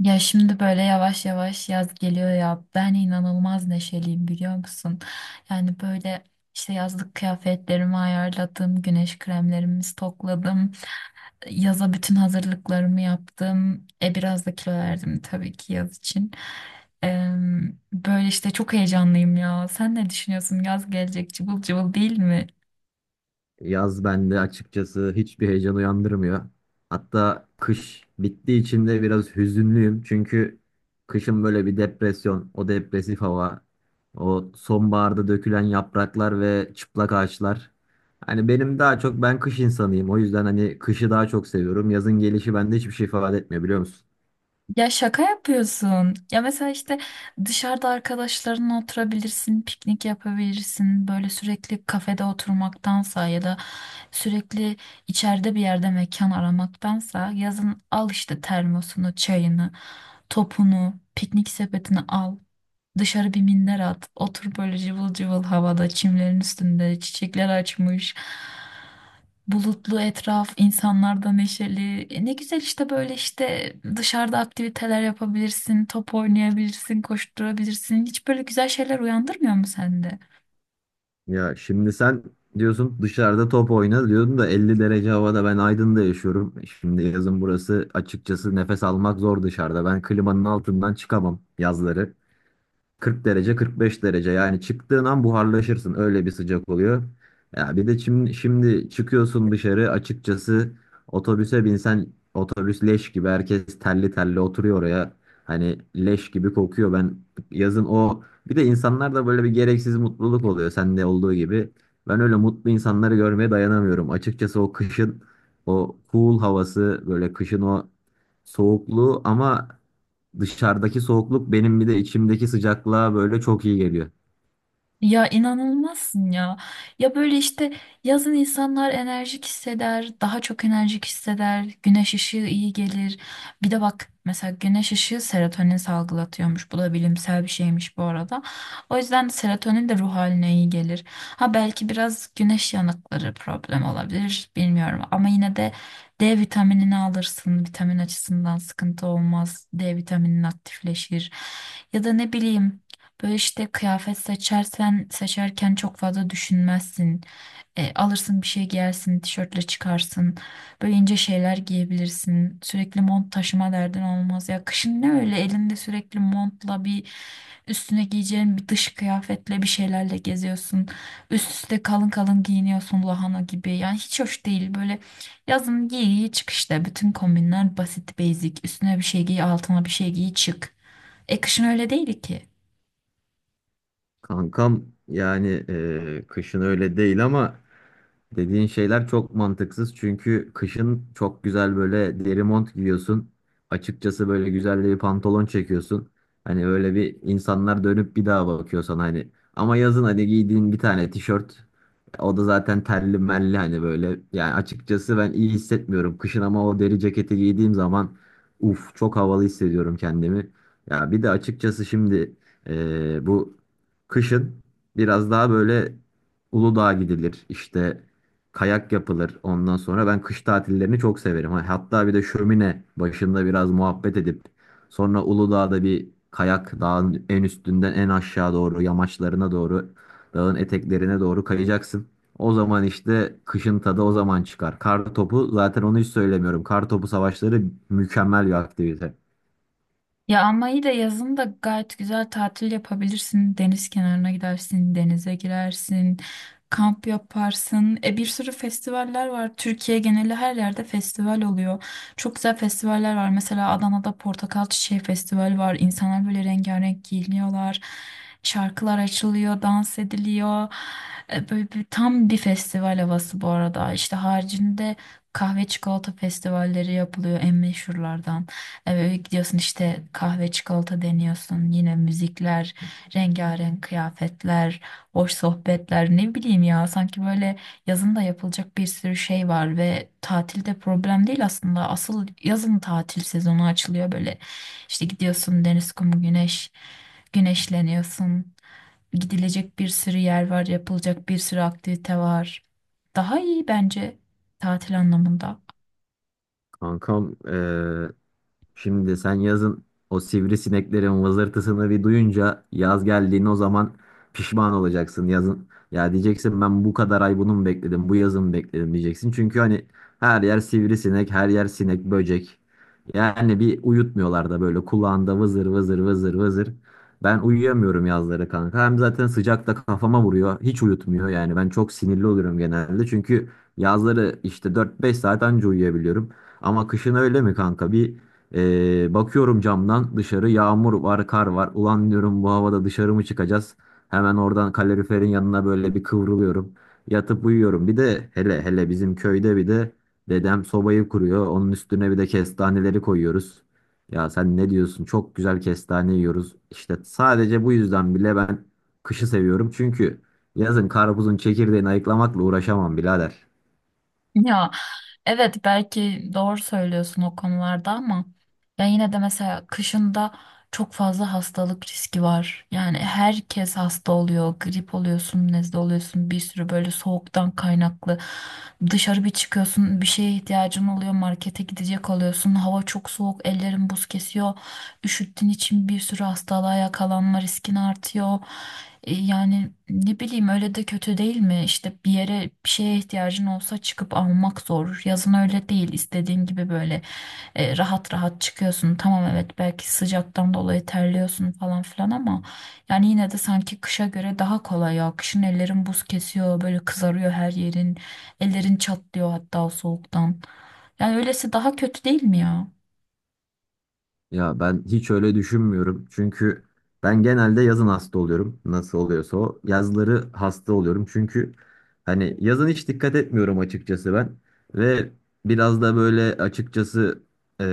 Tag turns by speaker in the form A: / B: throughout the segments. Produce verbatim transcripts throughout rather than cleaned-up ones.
A: Ya şimdi böyle yavaş yavaş yaz geliyor ya. Ben inanılmaz neşeliyim biliyor musun? Yani böyle işte yazlık kıyafetlerimi ayarladım, güneş kremlerimi stokladım. Yaza bütün hazırlıklarımı yaptım. E biraz da kilo verdim tabii ki yaz için. Eee, Böyle işte çok heyecanlıyım ya. Sen ne düşünüyorsun? Yaz gelecek cıvıl cıvıl değil mi?
B: Yaz bende açıkçası hiçbir heyecan uyandırmıyor. Hatta kış bittiği için de biraz hüzünlüyüm. Çünkü kışın böyle bir depresyon, o depresif hava, o sonbaharda dökülen yapraklar ve çıplak ağaçlar. Hani benim daha çok ben kış insanıyım. O yüzden hani kışı daha çok seviyorum. Yazın gelişi bende hiçbir şey ifade etmiyor, biliyor musun?
A: Ya şaka yapıyorsun. Ya mesela işte dışarıda arkadaşlarınla oturabilirsin, piknik yapabilirsin. Böyle sürekli kafede oturmaktansa ya da sürekli içeride bir yerde mekan aramaktansa yazın al işte termosunu, çayını, topunu, piknik sepetini al. Dışarı bir minder at. Otur böyle cıvıl cıvıl havada, çimlerin üstünde, çiçekler açmış. Bulutlu etraf, insanlar da neşeli. E, ne güzel işte böyle işte dışarıda aktiviteler yapabilirsin, top oynayabilirsin, koşturabilirsin. Hiç böyle güzel şeyler uyandırmıyor mu sende?
B: Ya şimdi sen diyorsun dışarıda top oyna diyordun da elli derece havada, ben Aydın'da yaşıyorum. Şimdi yazın burası açıkçası nefes almak zor dışarıda. Ben klimanın altından çıkamam yazları. kırk derece kırk beş derece, yani çıktığın an buharlaşırsın, öyle bir sıcak oluyor. Ya bir de şimdi, şimdi çıkıyorsun dışarı. Açıkçası otobüse binsen otobüs leş gibi, herkes telli telli oturuyor oraya. Hani leş gibi kokuyor. Ben yazın o, bir de insanlar da böyle bir gereksiz mutluluk oluyor, sende olduğu gibi. Ben öyle mutlu insanları görmeye dayanamıyorum. Açıkçası o kışın o cool havası, böyle kışın o soğukluğu, ama dışarıdaki soğukluk benim bir de içimdeki sıcaklığa böyle çok iyi geliyor.
A: Ya inanılmazsın ya. Ya böyle işte yazın insanlar enerjik hisseder, daha çok enerjik hisseder, güneş ışığı iyi gelir. Bir de bak mesela güneş ışığı serotonin salgılatıyormuş. Bu da bilimsel bir şeymiş bu arada. O yüzden serotonin de ruh haline iyi gelir. Ha belki biraz güneş yanıkları problem olabilir bilmiyorum ama yine de D vitaminini alırsın. Vitamin açısından sıkıntı olmaz. D vitaminin aktifleşir. Ya da ne bileyim, böyle işte kıyafet seçersen seçerken çok fazla düşünmezsin. E, alırsın bir şey giyersin, tişörtle çıkarsın. Böyle ince şeyler giyebilirsin. Sürekli mont taşıma derdin olmaz. Ya kışın ne öyle elinde sürekli montla bir üstüne giyeceğin bir dış kıyafetle bir şeylerle geziyorsun. Üst üste kalın kalın giyiniyorsun lahana gibi. Yani hiç hoş değil böyle yazın giy giy çık işte. Bütün kombinler basit basic. Üstüne bir şey giy altına bir şey giy çık. E kışın öyle değil ki.
B: Kankam, yani e, kışın öyle değil, ama dediğin şeyler çok mantıksız, çünkü kışın çok güzel böyle deri mont giyiyorsun. Açıkçası böyle güzel de bir pantolon çekiyorsun. Hani öyle bir, insanlar dönüp bir daha bakıyor sana hani. Ama yazın hani giydiğin bir tane tişört, o da zaten terli melli hani böyle. Yani açıkçası ben iyi hissetmiyorum kışın, ama o deri ceketi giydiğim zaman uf, çok havalı hissediyorum kendimi. Ya bir de açıkçası şimdi eee, bu kışın biraz daha böyle Uludağ'a gidilir işte, kayak yapılır ondan sonra. Ben kış tatillerini çok severim. Ha, hatta bir de şömine başında biraz muhabbet edip sonra Uludağ'da bir kayak, dağın en üstünden en aşağı doğru, yamaçlarına doğru, dağın eteklerine doğru kayacaksın. O zaman işte kışın tadı o zaman çıkar. Kar topu, zaten onu hiç söylemiyorum. Kar topu savaşları mükemmel bir aktivite.
A: Ya ama iyi de yazın da gayet güzel tatil yapabilirsin. Deniz kenarına gidersin, denize girersin, kamp yaparsın. E bir sürü festivaller var. Türkiye geneli her yerde festival oluyor. Çok güzel festivaller var. Mesela Adana'da Portakal Çiçeği Festivali var. İnsanlar böyle rengarenk giyiniyorlar. Şarkılar açılıyor, dans ediliyor. E, böyle bir- tam bir festival havası bu arada. İşte haricinde kahve çikolata festivalleri yapılıyor en meşhurlardan. Ee, gidiyorsun işte kahve çikolata deniyorsun. Yine müzikler, rengarenk kıyafetler, hoş sohbetler ne bileyim ya. Sanki böyle yazın da yapılacak bir sürü şey var ve tatilde problem değil aslında. Asıl yazın tatil sezonu açılıyor böyle. İşte gidiyorsun deniz, kum, güneş, güneşleniyorsun. Gidilecek bir sürü yer var, yapılacak bir sürü aktivite var. Daha iyi bence tatil anlamında.
B: Kankam eee, şimdi sen yazın o sivrisineklerin vızırtısını bir duyunca, yaz geldiğini o zaman pişman olacaksın yazın. Ya diyeceksin, ben bu kadar ay bunu mu bekledim, bu yazı mı bekledim diyeceksin. Çünkü hani her yer sivrisinek, her yer sinek böcek. Yani bir uyutmuyorlar da, böyle kulağında vızır vızır vızır vızır. Ben uyuyamıyorum yazları kanka. Hem zaten sıcak da kafama vuruyor. Hiç uyutmuyor yani. Ben çok sinirli oluyorum genelde. Çünkü yazları işte dört beş saat anca uyuyabiliyorum. Ama kışın öyle mi kanka? Bir, e, bakıyorum camdan dışarı, yağmur var, kar var. Ulan diyorum, bu havada dışarı mı çıkacağız? Hemen oradan kaloriferin yanına böyle bir kıvrılıyorum. Yatıp uyuyorum. Bir de hele hele bizim köyde bir de dedem sobayı kuruyor. Onun üstüne bir de kestaneleri koyuyoruz. Ya sen ne diyorsun? Çok güzel kestane yiyoruz. İşte sadece bu yüzden bile ben kışı seviyorum. Çünkü yazın karpuzun çekirdeğini ayıklamakla uğraşamam birader.
A: Ya evet belki doğru söylüyorsun o konularda ama ya yine de mesela kışında çok fazla hastalık riski var. Yani herkes hasta oluyor, grip oluyorsun, nezle oluyorsun, bir sürü böyle soğuktan kaynaklı. Dışarı bir çıkıyorsun, bir şeye ihtiyacın oluyor, markete gidecek oluyorsun, hava çok soğuk, ellerin buz kesiyor. Üşüttüğün için bir sürü hastalığa yakalanma riskin artıyor. E, Yani ne bileyim öyle de kötü değil mi? İşte bir yere bir şeye ihtiyacın olsa çıkıp almak zor. Yazın öyle değil. İstediğin gibi böyle e, rahat rahat çıkıyorsun. Tamam evet belki sıcaktan dolayı terliyorsun falan filan ama yani yine de sanki kışa göre daha kolay ya. Kışın ellerin buz kesiyor, böyle kızarıyor her yerin. Ellerin çatlıyor hatta o soğuktan. Yani öylesi daha kötü değil mi ya?
B: Ya ben hiç öyle düşünmüyorum. Çünkü ben genelde yazın hasta oluyorum. Nasıl oluyorsa o. Yazları hasta oluyorum. Çünkü hani yazın hiç dikkat etmiyorum açıkçası ben. Ve biraz da böyle açıkçası eee,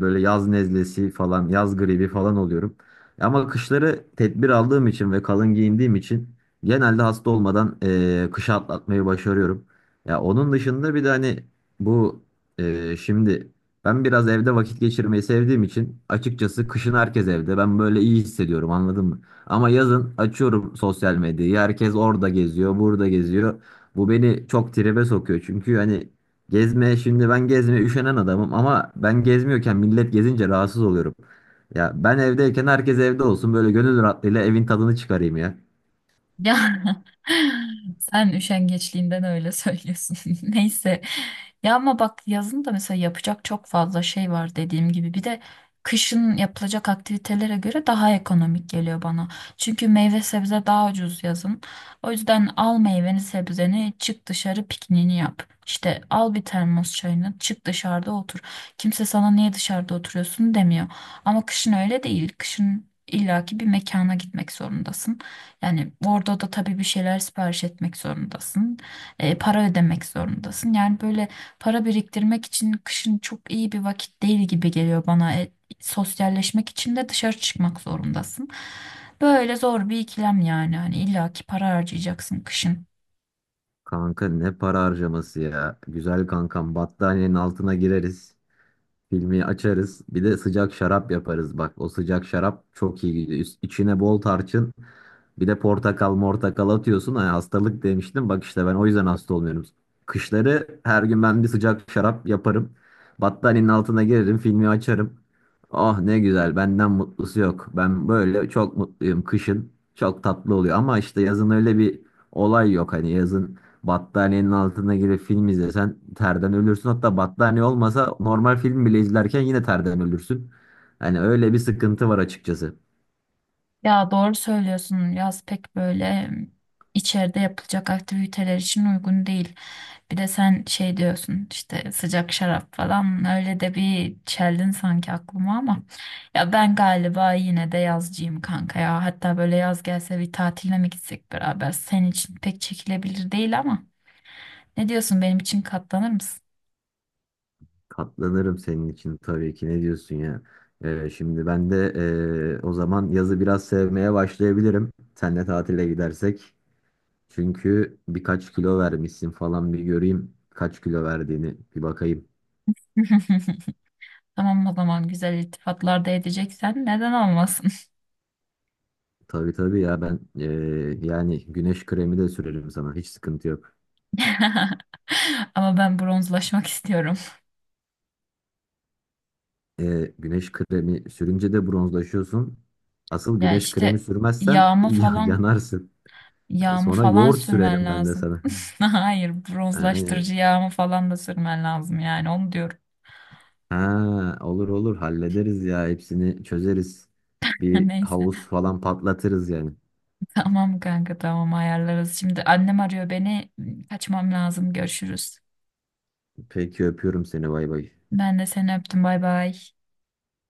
B: böyle yaz nezlesi falan, yaz gribi falan oluyorum. Ama kışları tedbir aldığım için ve kalın giyindiğim için genelde hasta olmadan eee kışı atlatmayı başarıyorum. Ya onun dışında bir de hani bu eee, şimdi... Ben biraz evde vakit geçirmeyi sevdiğim için açıkçası, kışın herkes evde. Ben böyle iyi hissediyorum, anladın mı? Ama yazın açıyorum sosyal medyayı. Herkes orada geziyor, burada geziyor. Bu beni çok tribe sokuyor. Çünkü hani gezmeye şimdi ben gezmeye üşenen adamım, ama ben gezmiyorken millet gezince rahatsız oluyorum. Ya ben evdeyken herkes evde olsun, böyle gönül rahatlığıyla evin tadını çıkarayım ya.
A: Ya sen üşengeçliğinden öyle söylüyorsun. Neyse. Ya ama bak yazın da mesela yapacak çok fazla şey var dediğim gibi. Bir de kışın yapılacak aktivitelere göre daha ekonomik geliyor bana. Çünkü meyve sebze daha ucuz yazın. O yüzden al meyveni sebzeni çık dışarı pikniğini yap. İşte al bir termos çayını çık dışarıda otur. Kimse sana niye dışarıda oturuyorsun demiyor. Ama kışın öyle değil. Kışın illaki bir mekana gitmek zorundasın. Yani orada da tabii bir şeyler sipariş etmek zorundasın. E, para ödemek zorundasın. Yani böyle para biriktirmek için kışın çok iyi bir vakit değil gibi geliyor bana. E, sosyalleşmek için de dışarı çıkmak zorundasın. Böyle zor bir ikilem yani. Hani illaki para harcayacaksın kışın.
B: Kanka, ne para harcaması ya. Güzel kankam, battaniyenin altına gireriz. Filmi açarız. Bir de sıcak şarap yaparız. Bak, o sıcak şarap çok iyi gidiyor. Üst- İçine bol tarçın. Bir de portakal mortakal atıyorsun. Hani hastalık demiştim. Bak, işte ben o yüzden hasta olmuyorum. Kışları her gün ben bir sıcak şarap yaparım. Battaniyenin altına girerim. Filmi açarım. Ah, ne güzel. Benden mutlusu yok. Ben böyle çok mutluyum kışın. Çok tatlı oluyor. Ama işte yazın öyle bir olay yok. Hani yazın battaniyenin altına girip film izlesen terden ölürsün. Hatta battaniye olmasa normal film bile izlerken yine terden ölürsün. Hani öyle bir sıkıntı var açıkçası.
A: Ya doğru söylüyorsun. Yaz pek böyle mm, içeride yapılacak aktiviteler için uygun değil. Bir de sen şey diyorsun işte sıcak şarap falan öyle de bir çeldin sanki aklıma ama ya ben galiba yine de yazcıyım kanka ya. Hatta böyle yaz gelse bir tatile mi gitsek beraber? Senin için pek çekilebilir değil ama ne diyorsun benim için katlanır mısın?
B: Katlanırım senin için tabii ki, ne diyorsun ya. Ee, şimdi ben de ee, o zaman yazı biraz sevmeye başlayabilirim. Senle tatile gidersek. Çünkü birkaç kilo vermişsin falan, bir göreyim. Kaç kilo verdiğini bir bakayım.
A: Tamam o zaman güzel iltifatlar da edeceksen neden olmasın?
B: Tabii tabii ya, ben ee, yani güneş kremi de sürerim sana. Hiç sıkıntı yok.
A: Ama ben bronzlaşmak istiyorum.
B: E, güneş kremi sürünce de bronzlaşıyorsun. Asıl
A: Ya
B: güneş kremi
A: işte
B: sürmezsen
A: yağımı
B: ya-
A: falan
B: yanarsın.
A: yağımı
B: Sonra
A: falan
B: yoğurt
A: sürmen
B: sürerim ben de
A: lazım.
B: sana.
A: Hayır,
B: Yani,
A: bronzlaştırıcı yağımı falan da sürmen lazım yani onu diyorum.
B: ha, olur olur hallederiz ya, hepsini çözeriz. Bir
A: Neyse.
B: havuz falan patlatırız yani.
A: Tamam kanka tamam ayarlarız. Şimdi annem arıyor beni. Kaçmam lazım. Görüşürüz.
B: Peki, öpüyorum seni, bay bay.
A: Ben de seni öptüm. Bay bay.